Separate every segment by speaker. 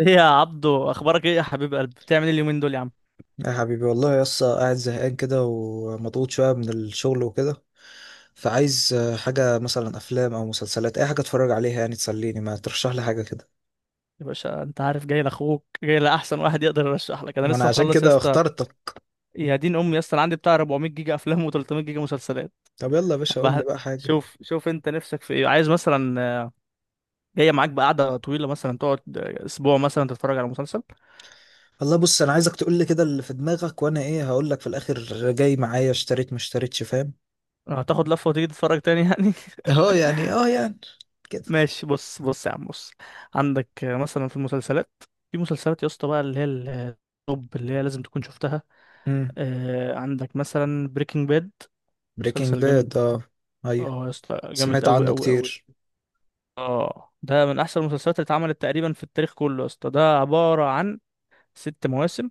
Speaker 1: ايه يا عبدو، اخبارك ايه يا حبيب قلب؟ بتعمل ايه اليومين دول يا عم؟
Speaker 2: يا حبيبي، والله يا اسطى، قاعد زهقان كده ومضغوط شوية من الشغل وكده. فعايز حاجة، مثلا أفلام أو مسلسلات، أي حاجة أتفرج عليها يعني تسليني. ما ترشح لي حاجة كده؟
Speaker 1: يا باشا انت عارف جاي لاخوك، جاي لاحسن واحد يقدر يرشح لك. انا
Speaker 2: ما
Speaker 1: لسه
Speaker 2: أنا عشان
Speaker 1: مخلص يا
Speaker 2: كده
Speaker 1: اسطى.
Speaker 2: اخترتك.
Speaker 1: يا دين امي يا اسطى، انا عندي بتاع 400 جيجا افلام و300 جيجا مسلسلات.
Speaker 2: طب يلا يا باشا، قول لي
Speaker 1: بح-
Speaker 2: بقى حاجة.
Speaker 1: شوف شوف، انت نفسك في ايه؟ عايز مثلا، جايه معاك بقعده طويله، مثلا تقعد اسبوع مثلا تتفرج على مسلسل؟
Speaker 2: والله بص، أنا عايزك تقول لي كده اللي في دماغك، وأنا إيه هقول لك في الآخر. جاي معايا؟ اشتريت ما اشتريتش، فاهم.
Speaker 1: هتاخد لفه وتيجي تتفرج تاني يعني؟
Speaker 2: اه يعني كده.
Speaker 1: ماشي، بص بص يا عم بص، عندك مثلا في المسلسلات، في مسلسلات يا اسطى بقى اللي هي التوب اللي هي لازم تكون شفتها.
Speaker 2: امم.
Speaker 1: عندك مثلا بريكنج باد،
Speaker 2: بريكنج
Speaker 1: مسلسل جامد.
Speaker 2: باد، اه. أيوه،
Speaker 1: اه يا اسطى جامد
Speaker 2: سمعت
Speaker 1: قوي
Speaker 2: عنه
Speaker 1: قوي قوي.
Speaker 2: كتير.
Speaker 1: اه، ده من احسن المسلسلات اللي اتعملت تقريبا في التاريخ كله يا اسطى، ده عبارة عن 6 مواسم.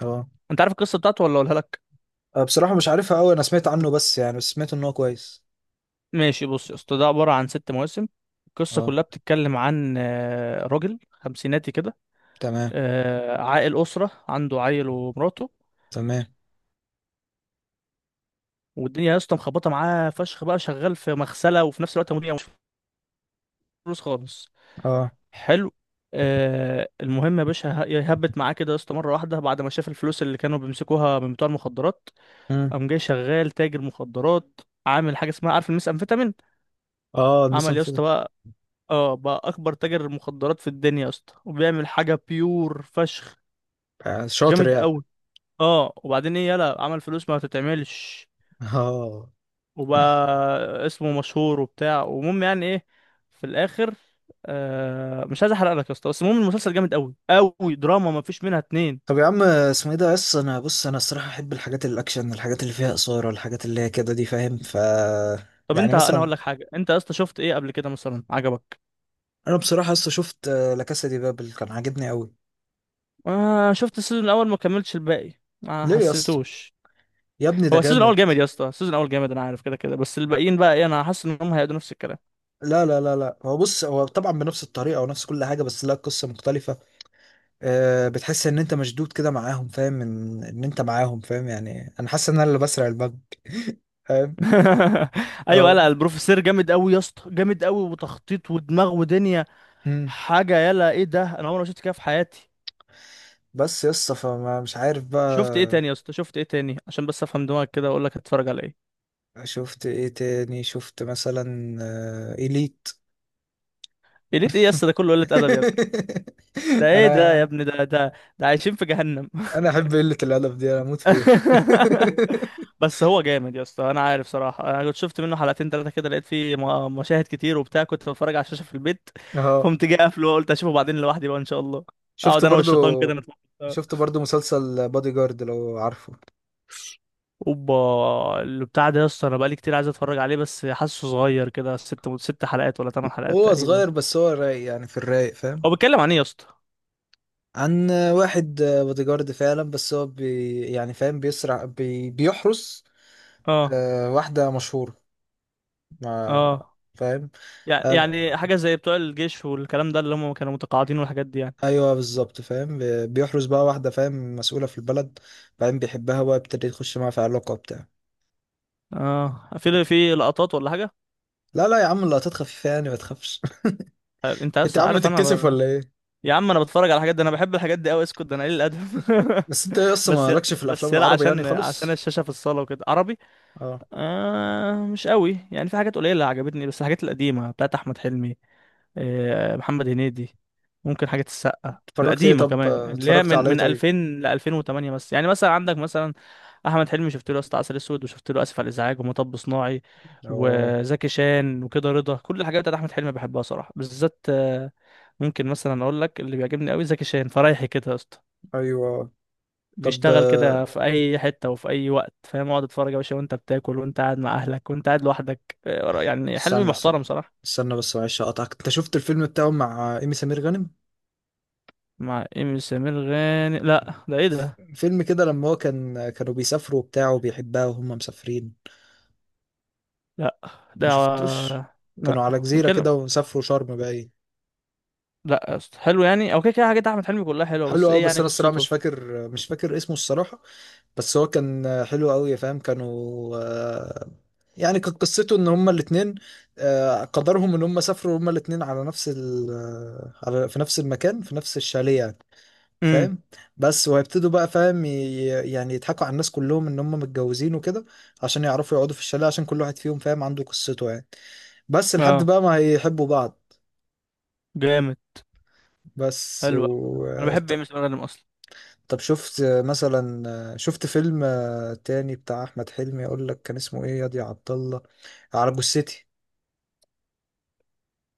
Speaker 2: اه.
Speaker 1: انت عارف القصة بتاعته ولا اقولها لك؟
Speaker 2: بصراحة مش عارفها أوي، أنا سمعت عنه، بس يعني بس سمعت إن هو كويس.
Speaker 1: ماشي، بص يا اسطى، ده عبارة عن 6 مواسم. القصة
Speaker 2: أه.
Speaker 1: كلها بتتكلم عن راجل خمسيناتي كده،
Speaker 2: تمام.
Speaker 1: عائل أسرة، عنده عيل ومراته،
Speaker 2: تمام.
Speaker 1: والدنيا يا اسطى مخبطة معاه فشخ، بقى شغال في مغسلة وفي نفس الوقت مدير، مش فلوس خالص.
Speaker 2: اه.
Speaker 1: حلو. آه، المهم يا باشا، يهبت معاه كده يا اسطى مره واحده بعد ما شاف الفلوس اللي كانوا بيمسكوها من بتوع المخدرات،
Speaker 2: امم.
Speaker 1: قام جاي شغال تاجر مخدرات، عامل حاجه اسمها عارف الميس امفيتامين.
Speaker 2: اه، المسا
Speaker 1: عمل يا اسطى
Speaker 2: مفيدة.
Speaker 1: بقى، اه، بقى اكبر تاجر مخدرات في الدنيا يا اسطى، وبيعمل حاجه بيور فشخ،
Speaker 2: شاطر
Speaker 1: جامد
Speaker 2: يعني.
Speaker 1: قوي. اه، وبعدين ايه؟ يلا، عمل فلوس ما تتعملش،
Speaker 2: اه.
Speaker 1: وبقى اسمه مشهور وبتاع ومهم يعني، ايه، في الاخر، آه، مش عايز احرق لك يا اسطى، بس المهم المسلسل جامد قوي قوي، دراما ما فيش منها اتنين.
Speaker 2: طب يا عم، اسمه ايه ده؟ بس انا، بص، انا الصراحة احب الحاجات الاكشن، الحاجات اللي فيها اثارة، الحاجات اللي هي كده دي، فاهم.
Speaker 1: طب
Speaker 2: يعني
Speaker 1: انت، انا
Speaker 2: مثلا.
Speaker 1: هقول لك حاجه، انت يا اسطى شفت ايه قبل كده مثلا عجبك؟
Speaker 2: انا بصراحة لسه شفت لا كاسا دي بابل، كان عاجبني قوي.
Speaker 1: آه، شفت السيزون الاول ما كملتش الباقي؟ ما
Speaker 2: ليه يا اسطى؟
Speaker 1: حسيتوش؟
Speaker 2: يا ابني ده
Speaker 1: هو السيزون الاول
Speaker 2: جامد.
Speaker 1: جامد يا اسطى، السيزون الاول جامد، انا عارف كده كده، بس الباقيين بقى ايه، انا حاسس ان هم هيقعدوا نفس الكلام.
Speaker 2: لا لا لا لا، هو بص، هو طبعا بنفس الطريقة ونفس كل حاجة، بس لا، قصة مختلفة. بتحس ان انت مشدود كده معاهم، فاهم؟ ان انت معاهم، فاهم؟ يعني انا حاسس ان انا اللي بسرق البنك.
Speaker 1: ايوه،
Speaker 2: اه.
Speaker 1: لا البروفيسور جامد قوي يا اسطى، جامد قوي، وتخطيط ودماغ ودنيا،
Speaker 2: مم.
Speaker 1: حاجه، يلا ايه ده، انا عمري ما شفت كده في حياتي.
Speaker 2: بس يسطا، فما مش عارف
Speaker 1: شفت ايه تاني
Speaker 2: بقى.
Speaker 1: يا اسطى؟ شفت ايه تاني عشان بس افهم دماغك كده واقول لك هتتفرج على ايه؟
Speaker 2: شفت ايه تاني؟ شفت مثلا إليت.
Speaker 1: قلت ايه يا اسطى؟ ده كله قله ادب يا ابني، ده ايه ده يا
Speaker 2: انا
Speaker 1: ابني؟ ده ده، ده عايشين في جهنم.
Speaker 2: انا احب قلة الادب دي، انا اموت فيها.
Speaker 1: بس هو جامد يا اسطى، انا عارف صراحه، انا كنت شفت منه حلقتين ثلاثه كده، لقيت فيه مشاهد كتير وبتاع، كنت بتفرج على الشاشه في البيت
Speaker 2: اه،
Speaker 1: فقمت جاي قافله وقلت اشوفه بعدين لوحدي بقى ان شاء الله،
Speaker 2: شفت
Speaker 1: اقعد انا
Speaker 2: برضو
Speaker 1: والشيطان كده نتفرج سوا.
Speaker 2: شفت برضو مسلسل بادي جارد، لو عارفه.
Speaker 1: اوبا، اللي بتاع ده يا اسطى انا بقالي كتير عايز اتفرج عليه، بس حاسه صغير كده، ست حلقات ولا 8 حلقات
Speaker 2: هو
Speaker 1: تقريبا.
Speaker 2: صغير بس هو رايق يعني، في الرايق، فاهم.
Speaker 1: هو بيتكلم عن ايه يا اسطى؟
Speaker 2: عن واحد بادي جارد فعلا، بس هو يعني، فاهم، بيسرع، بيحرس
Speaker 1: اه
Speaker 2: واحدة مشهورة. ما.
Speaker 1: اه،
Speaker 2: فاهم.
Speaker 1: يع-
Speaker 2: قال-
Speaker 1: يعني حاجه زي بتوع الجيش والكلام ده اللي هم كانوا متقاعدين والحاجات دي يعني.
Speaker 2: ايوه بالظبط، فاهم، بيحرز بقى واحده، فاهم، مسؤوله في البلد. بعدين بيحبها بقى، يبتدي يخش معاها في علاقه وبتاع.
Speaker 1: اه، في لقطات ولا حاجه؟
Speaker 2: لا لا يا عم، اللقطات خفيفه يعني، ما تخافش.
Speaker 1: انت
Speaker 2: انت يا
Speaker 1: لسه
Speaker 2: عم
Speaker 1: عارف
Speaker 2: بتتكسف
Speaker 1: انا،
Speaker 2: ولا ايه؟
Speaker 1: يا عم انا بتفرج على الحاجات دي، انا بحب الحاجات دي قوي، اسكت، ده انا قليل الادب.
Speaker 2: بس انت ايه، اصلا مالكش في الافلام
Speaker 1: بس يلا،
Speaker 2: العربي يعني
Speaker 1: عشان
Speaker 2: خالص.
Speaker 1: الشاشه في الصاله وكده، عربي.
Speaker 2: اه.
Speaker 1: آه، مش قوي يعني، في حاجات قليله عجبتني بس، الحاجات القديمه بتاعت احمد حلمي، محمد هنيدي، ممكن حاجة السقا
Speaker 2: اتفرجت ايه؟
Speaker 1: القديمة
Speaker 2: طب
Speaker 1: كمان اللي هي
Speaker 2: اتفرجت
Speaker 1: من
Speaker 2: على ايه
Speaker 1: من
Speaker 2: طيب؟
Speaker 1: 2000 ل 2008. بس يعني مثلا عندك مثلا أحمد حلمي، شفت له يا اسطى عسل أسود، وشفت له آسف على الإزعاج، ومطب صناعي،
Speaker 2: اه.
Speaker 1: وزكي شان وكده رضا، كل الحاجات بتاعت أحمد حلمي بحبها صراحة، بالذات ممكن مثلا أقول لك اللي بيعجبني قوي زكي شان فرايحي كده يا اسطى.
Speaker 2: ايوه. طب،
Speaker 1: بيشتغل كده في أي حتة وفي أي وقت فاهم؟ اقعد اتفرج يا باشا وأنت بتاكل، وأنت قاعد مع أهلك، وأنت قاعد لوحدك، يعني حلمي
Speaker 2: استنى استنى
Speaker 1: محترم صراحة.
Speaker 2: استنى. بس معلش اقطعك، انت شفت الفيلم بتاعه مع ايمي سمير غانم؟
Speaker 1: مع إيمي سمير غانم؟ لا ده إيه ده؟
Speaker 2: فيلم كده، لما هو كانوا بيسافروا وبتاع، وبيحبها وهم مسافرين.
Speaker 1: لا ده،
Speaker 2: ما شفتوش.
Speaker 1: لا
Speaker 2: كانوا على جزيرة
Speaker 1: بنتكلم،
Speaker 2: كده، وسافروا شرم باين.
Speaker 1: لا يا اسطى حلو يعني، او كده كده حاجات احمد حلمي كلها حلوه،
Speaker 2: حلو
Speaker 1: بس
Speaker 2: قوي،
Speaker 1: ايه
Speaker 2: بس
Speaker 1: يعني
Speaker 2: انا الصراحة مش
Speaker 1: قصته؟
Speaker 2: فاكر مش فاكر اسمه الصراحة. بس هو كان حلو قوي، يا فاهم، كانوا، يعني كانت قصته ان هما الاتنين، قدرهم ان هما سافروا هما الاتنين على نفس ال آه، على في نفس المكان، في نفس الشاليه يعني،
Speaker 1: امم،
Speaker 2: فاهم. بس وهيبتدوا بقى، فاهم. يعني يضحكوا على الناس كلهم ان هم متجوزين وكده، عشان يعرفوا يقعدوا في الشاليه، عشان كل واحد فيهم فاهم عنده قصته يعني. بس لحد
Speaker 1: اه
Speaker 2: بقى ما هيحبوا بعض.
Speaker 1: جامد،
Speaker 2: بس
Speaker 1: حلو أوي.
Speaker 2: و...
Speaker 1: انا بحب
Speaker 2: طب.
Speaker 1: ايمي سمير غانم اصلا.
Speaker 2: طب شفت مثلا، شفت فيلم تاني بتاع احمد حلمي، اقول لك كان اسمه ايه، ياض يا دي عبد الله. على جثتي.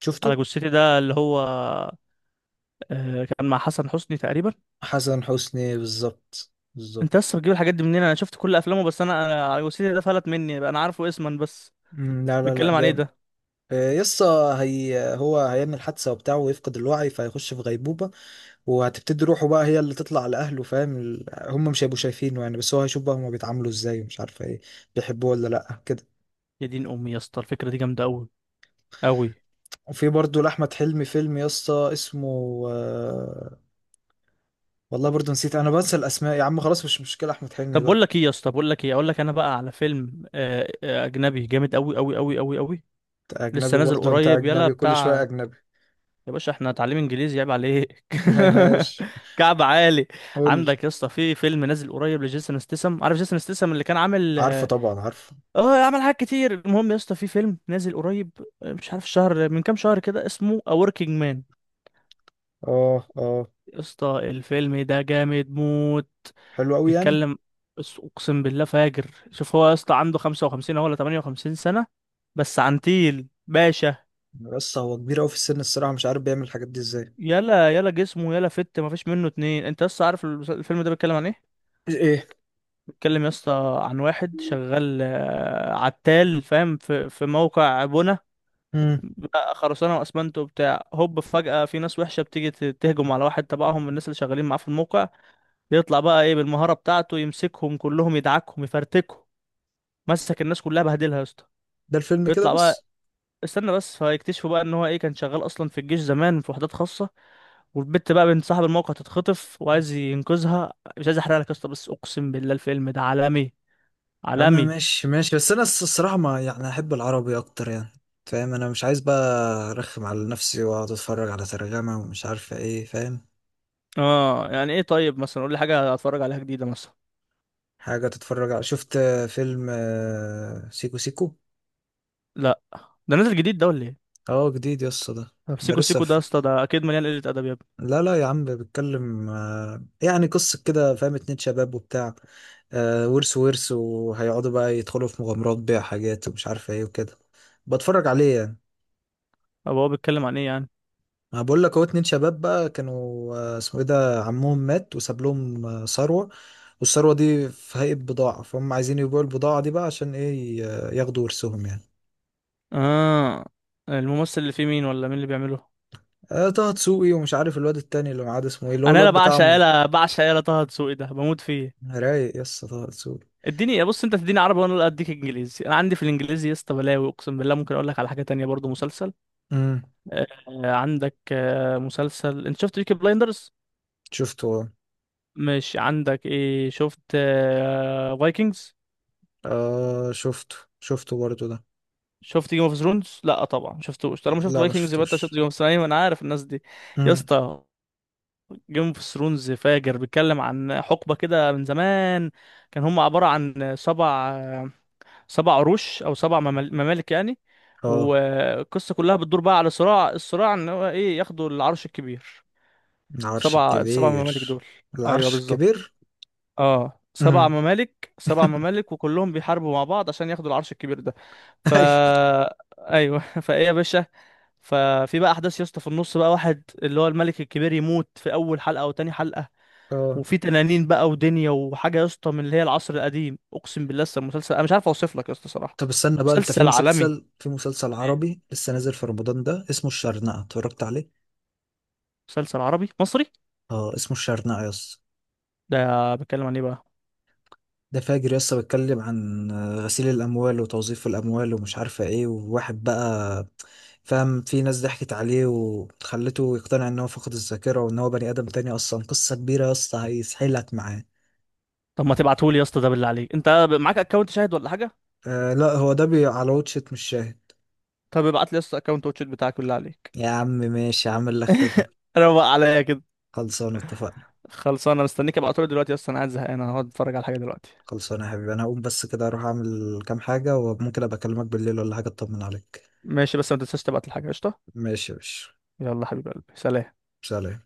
Speaker 2: شفته.
Speaker 1: على جثتي ده اللي هو، آه، كان مع حسن حسني تقريبا.
Speaker 2: حسن حسني، بالظبط
Speaker 1: انت لسه
Speaker 2: بالظبط.
Speaker 1: بتجيب الحاجات دي منين؟ انا شفت كل افلامه، بس انا على جثتي ده فلت مني بقى، انا عارفه اسما بس.
Speaker 2: مم، لا لا لا،
Speaker 1: بيتكلم عن ايه
Speaker 2: جامد.
Speaker 1: ده؟
Speaker 2: يسا. هو هيعمل حادثة وبتاع ويفقد الوعي، فهيخش في غيبوبة. وهتبتدي روحه بقى، هي اللي تطلع لأهله، فاهم، هم مش هيبقوا شايفينه يعني، بس هو هيشوف بقى هما بيتعاملوا ازاي، ومش عارفة ايه. بيحبوه ولا لأ كده.
Speaker 1: يا دين امي يا اسطى الفكره دي جامده قوي، قوي.
Speaker 2: وفي برضو لأحمد حلمي فيلم يا اسطى، اسمه، والله برضو نسيت، انا بنسى الاسماء يا عم، خلاص مش مشكلة، احمد حلمي
Speaker 1: طب بقول
Speaker 2: بقى.
Speaker 1: لك ايه يا اسطى، بقول لك ايه، اقول لك انا بقى على فيلم اجنبي جامد قوي قوي قوي قوي قوي،
Speaker 2: انت اجنبي
Speaker 1: لسه نازل
Speaker 2: برضو، انت
Speaker 1: قريب يلا
Speaker 2: اجنبي كل شوية
Speaker 1: بتاع.
Speaker 2: اجنبي.
Speaker 1: يا باشا احنا هنتعلم انجليزي، عيب عليك.
Speaker 2: هاش.
Speaker 1: كعب عالي.
Speaker 2: قول لي.
Speaker 1: عندك يا اسطى في فيلم نازل قريب لجيسون ستاثام، عارف جيسون ستاثام اللي كان عامل
Speaker 2: عارفه
Speaker 1: اه،
Speaker 2: طبعا، عارفه.
Speaker 1: عمل حاجات كتير، المهم يا اسطى في فيلم نازل قريب، مش عارف شهر من كام شهر كده، اسمه A Working Man.
Speaker 2: اه. اه.
Speaker 1: يا اسطى الفيلم ده جامد موت.
Speaker 2: حلو قوي يعني.
Speaker 1: بيتكلم، بس اقسم بالله فاجر، شوف هو يا اسطى عنده 55 أهو ولا 58 سنة، بس عنتيل باشا.
Speaker 2: بس هو كبير قوي في السن، الصراحة مش عارف بيعمل الحاجات دي ازاي.
Speaker 1: يلا يلا جسمه يلا فت، مفيش منه اتنين. انت لسه عارف الفيلم ده بيتكلم عن ايه؟
Speaker 2: ايه.
Speaker 1: بيتكلم يا اسطى عن واحد شغال عتال فاهم، في موقع بنا،
Speaker 2: امم.
Speaker 1: بقى خرسانه واسمنت وبتاع، هوب فجاه في ناس وحشه بتيجي تهجم على واحد تبعهم من الناس اللي شغالين معاه في الموقع، يطلع بقى ايه بالمهاره بتاعته يمسكهم كلهم، يدعكهم يفرتكهم، مسك الناس كلها بهدلها يا اسطى.
Speaker 2: ده الفيلم كده
Speaker 1: بيطلع بقى،
Speaker 2: بس.
Speaker 1: استنى بس، فيكتشفوا بقى ان هو ايه كان شغال اصلا في الجيش زمان في وحدات خاصه، والبت بقى بنت صاحب الموقع تتخطف وعايز ينقذها، مش عايز احرق لك يا اسطى بس اقسم بالله الفيلم ده عالمي،
Speaker 2: يا عم
Speaker 1: عالمي.
Speaker 2: ماشي ماشي، بس انا الصراحة، ما يعني، احب العربي اكتر يعني. فاهم، انا مش عايز بقى ارخم على نفسي، واقعد اتفرج على ترجمة ومش عارفة ايه، فاهم.
Speaker 1: اه يعني ايه؟ طيب مثلا قول لي حاجه اتفرج عليها جديده مثلا.
Speaker 2: حاجة تتفرج على، شفت فيلم سيكو سيكو.
Speaker 1: لا، ده نازل جديد ده ولا ايه؟
Speaker 2: اه، جديد يسطا ده.
Speaker 1: طب
Speaker 2: ده
Speaker 1: سيكو
Speaker 2: لسه
Speaker 1: سيكو ده يا
Speaker 2: في...
Speaker 1: اسطى ده اكيد مليان قله ادب يا ابني.
Speaker 2: لا لا يا عم، بيتكلم يعني قصة كده، فاهم، 2 شباب وبتاع، ورث وهيقعدوا بقى يدخلوا في مغامرات بيع حاجات، ومش عارف ايه وكده. بتفرج عليه يعني.
Speaker 1: طب هو بيتكلم عن ايه يعني؟
Speaker 2: انا بقول لك، هو 2 شباب بقى كانوا، اسمه ايه ده، عمهم مات وساب لهم ثروة. والثروة دي في هيئة بضاعة، فهم عايزين يبيعوا البضاعة دي بقى، عشان ايه، ياخدوا ورثهم يعني.
Speaker 1: اه، الممثل اللي فيه مين ولا مين اللي بيعمله؟
Speaker 2: طه دسوقي، ومش عارف الواد التاني اللي معاه ده اسمه ايه، اللي هو
Speaker 1: انا يالا
Speaker 2: الواد بتاع.
Speaker 1: بعشق، يالا بعشق يالا، طه دسوقي ده بموت فيه.
Speaker 2: رايق يس طه دسوقي.
Speaker 1: اديني بص، انت تديني عربي وانا اديك انجليزي، انا عندي في الانجليزي يا اسطى بلاوي اقسم بالله، ممكن اقول لك على حاجه تانية برضو، مسلسل،
Speaker 2: امم.
Speaker 1: آه، عندك مسلسل، انت شفت بيكي بلايندرز؟
Speaker 2: شفته. اه.
Speaker 1: مش عندك ايه، شفت فايكنجز؟
Speaker 2: شفته برضه ده.
Speaker 1: شفت جيم اوف ثرونز؟ لا طبعا ما شفتوش، طالما شفت
Speaker 2: لا، ما
Speaker 1: فايكنجز يبقى انت شفت
Speaker 2: شفتوش.
Speaker 1: جيم اوف ثرونز، ايوه انا عارف الناس دي. يا
Speaker 2: امم.
Speaker 1: اسطى جيم اوف ثرونز فاجر، بيتكلم عن حقبه كده من زمان، كان هم عباره عن سبع عروش او سبع ممالك يعني.
Speaker 2: اه.
Speaker 1: والقصه كلها بتدور بقى على صراع، الصراع ان هو ايه ياخدوا العرش الكبير.
Speaker 2: العرش
Speaker 1: سبع ممالك
Speaker 2: الكبير.
Speaker 1: دول. ايوه
Speaker 2: العرش
Speaker 1: بالظبط،
Speaker 2: الكبير.
Speaker 1: اه سبع
Speaker 2: امم.
Speaker 1: ممالك، سبع ممالك وكلهم بيحاربوا مع بعض عشان ياخدوا العرش الكبير ده. فا،
Speaker 2: ايوه.
Speaker 1: ايوه، فايه يا باشا؟ ففي بقى احداث يا اسطى في النص بقى، واحد اللي هو الملك الكبير يموت في اول حلقه او تاني حلقه،
Speaker 2: اه.
Speaker 1: وفي تنانين بقى ودنيا وحاجه يا اسطى من اللي هي العصر القديم، اقسم بالله لسه المسلسل، انا مش عارف اوصف لك يا اسطى صراحه،
Speaker 2: طب استنى بقى، انت في
Speaker 1: مسلسل عالمي.
Speaker 2: مسلسل في مسلسل عربي لسه نازل في رمضان ده اسمه الشرنقة، اتفرجت عليه؟
Speaker 1: مسلسل عربي مصري،
Speaker 2: اه، اسمه الشرنقة يس.
Speaker 1: ده بيتكلم عن ايه بقى؟
Speaker 2: ده فاجر يسطا، بيتكلم عن غسيل الأموال وتوظيف الأموال ومش عارفة إيه، وواحد بقى، فاهم، في ناس ضحكت عليه وخلته يقتنع إن هو فقد الذاكرة، وإن هو بني آدم تاني، أصلا قصة كبيرة يا اسطى، هيسحلك معاه.
Speaker 1: طب ما تبعتهولي يا اسطى ده بالله عليك، انت معاك اكونت شاهد ولا حاجه؟
Speaker 2: لا، هو ده بي على واتشت، مش شاهد.
Speaker 1: طب ابعت لي يا اسطى اكونت واتشيت بتاعك بالله عليك،
Speaker 2: يا عم ماشي، عامل لك خدمة.
Speaker 1: روق عليا كده.
Speaker 2: خلصان اتفقنا.
Speaker 1: خلصان، انا مستنيك، ابقى دلوقتي اصلا قاعد زهقان انا هقعد اتفرج على حاجه دلوقتي.
Speaker 2: خلصانة يا حبيبي، أنا هقوم بس كده، أروح أعمل كام حاجة، وممكن أبقى أكلمك بالليل ولا حاجة أطمن عليك.
Speaker 1: ماشي، بس ما تنساش تبعت الحاجه قشطه.
Speaker 2: ماشي يا باشا.
Speaker 1: يلا حبيب قلبي، سلام.
Speaker 2: سلام.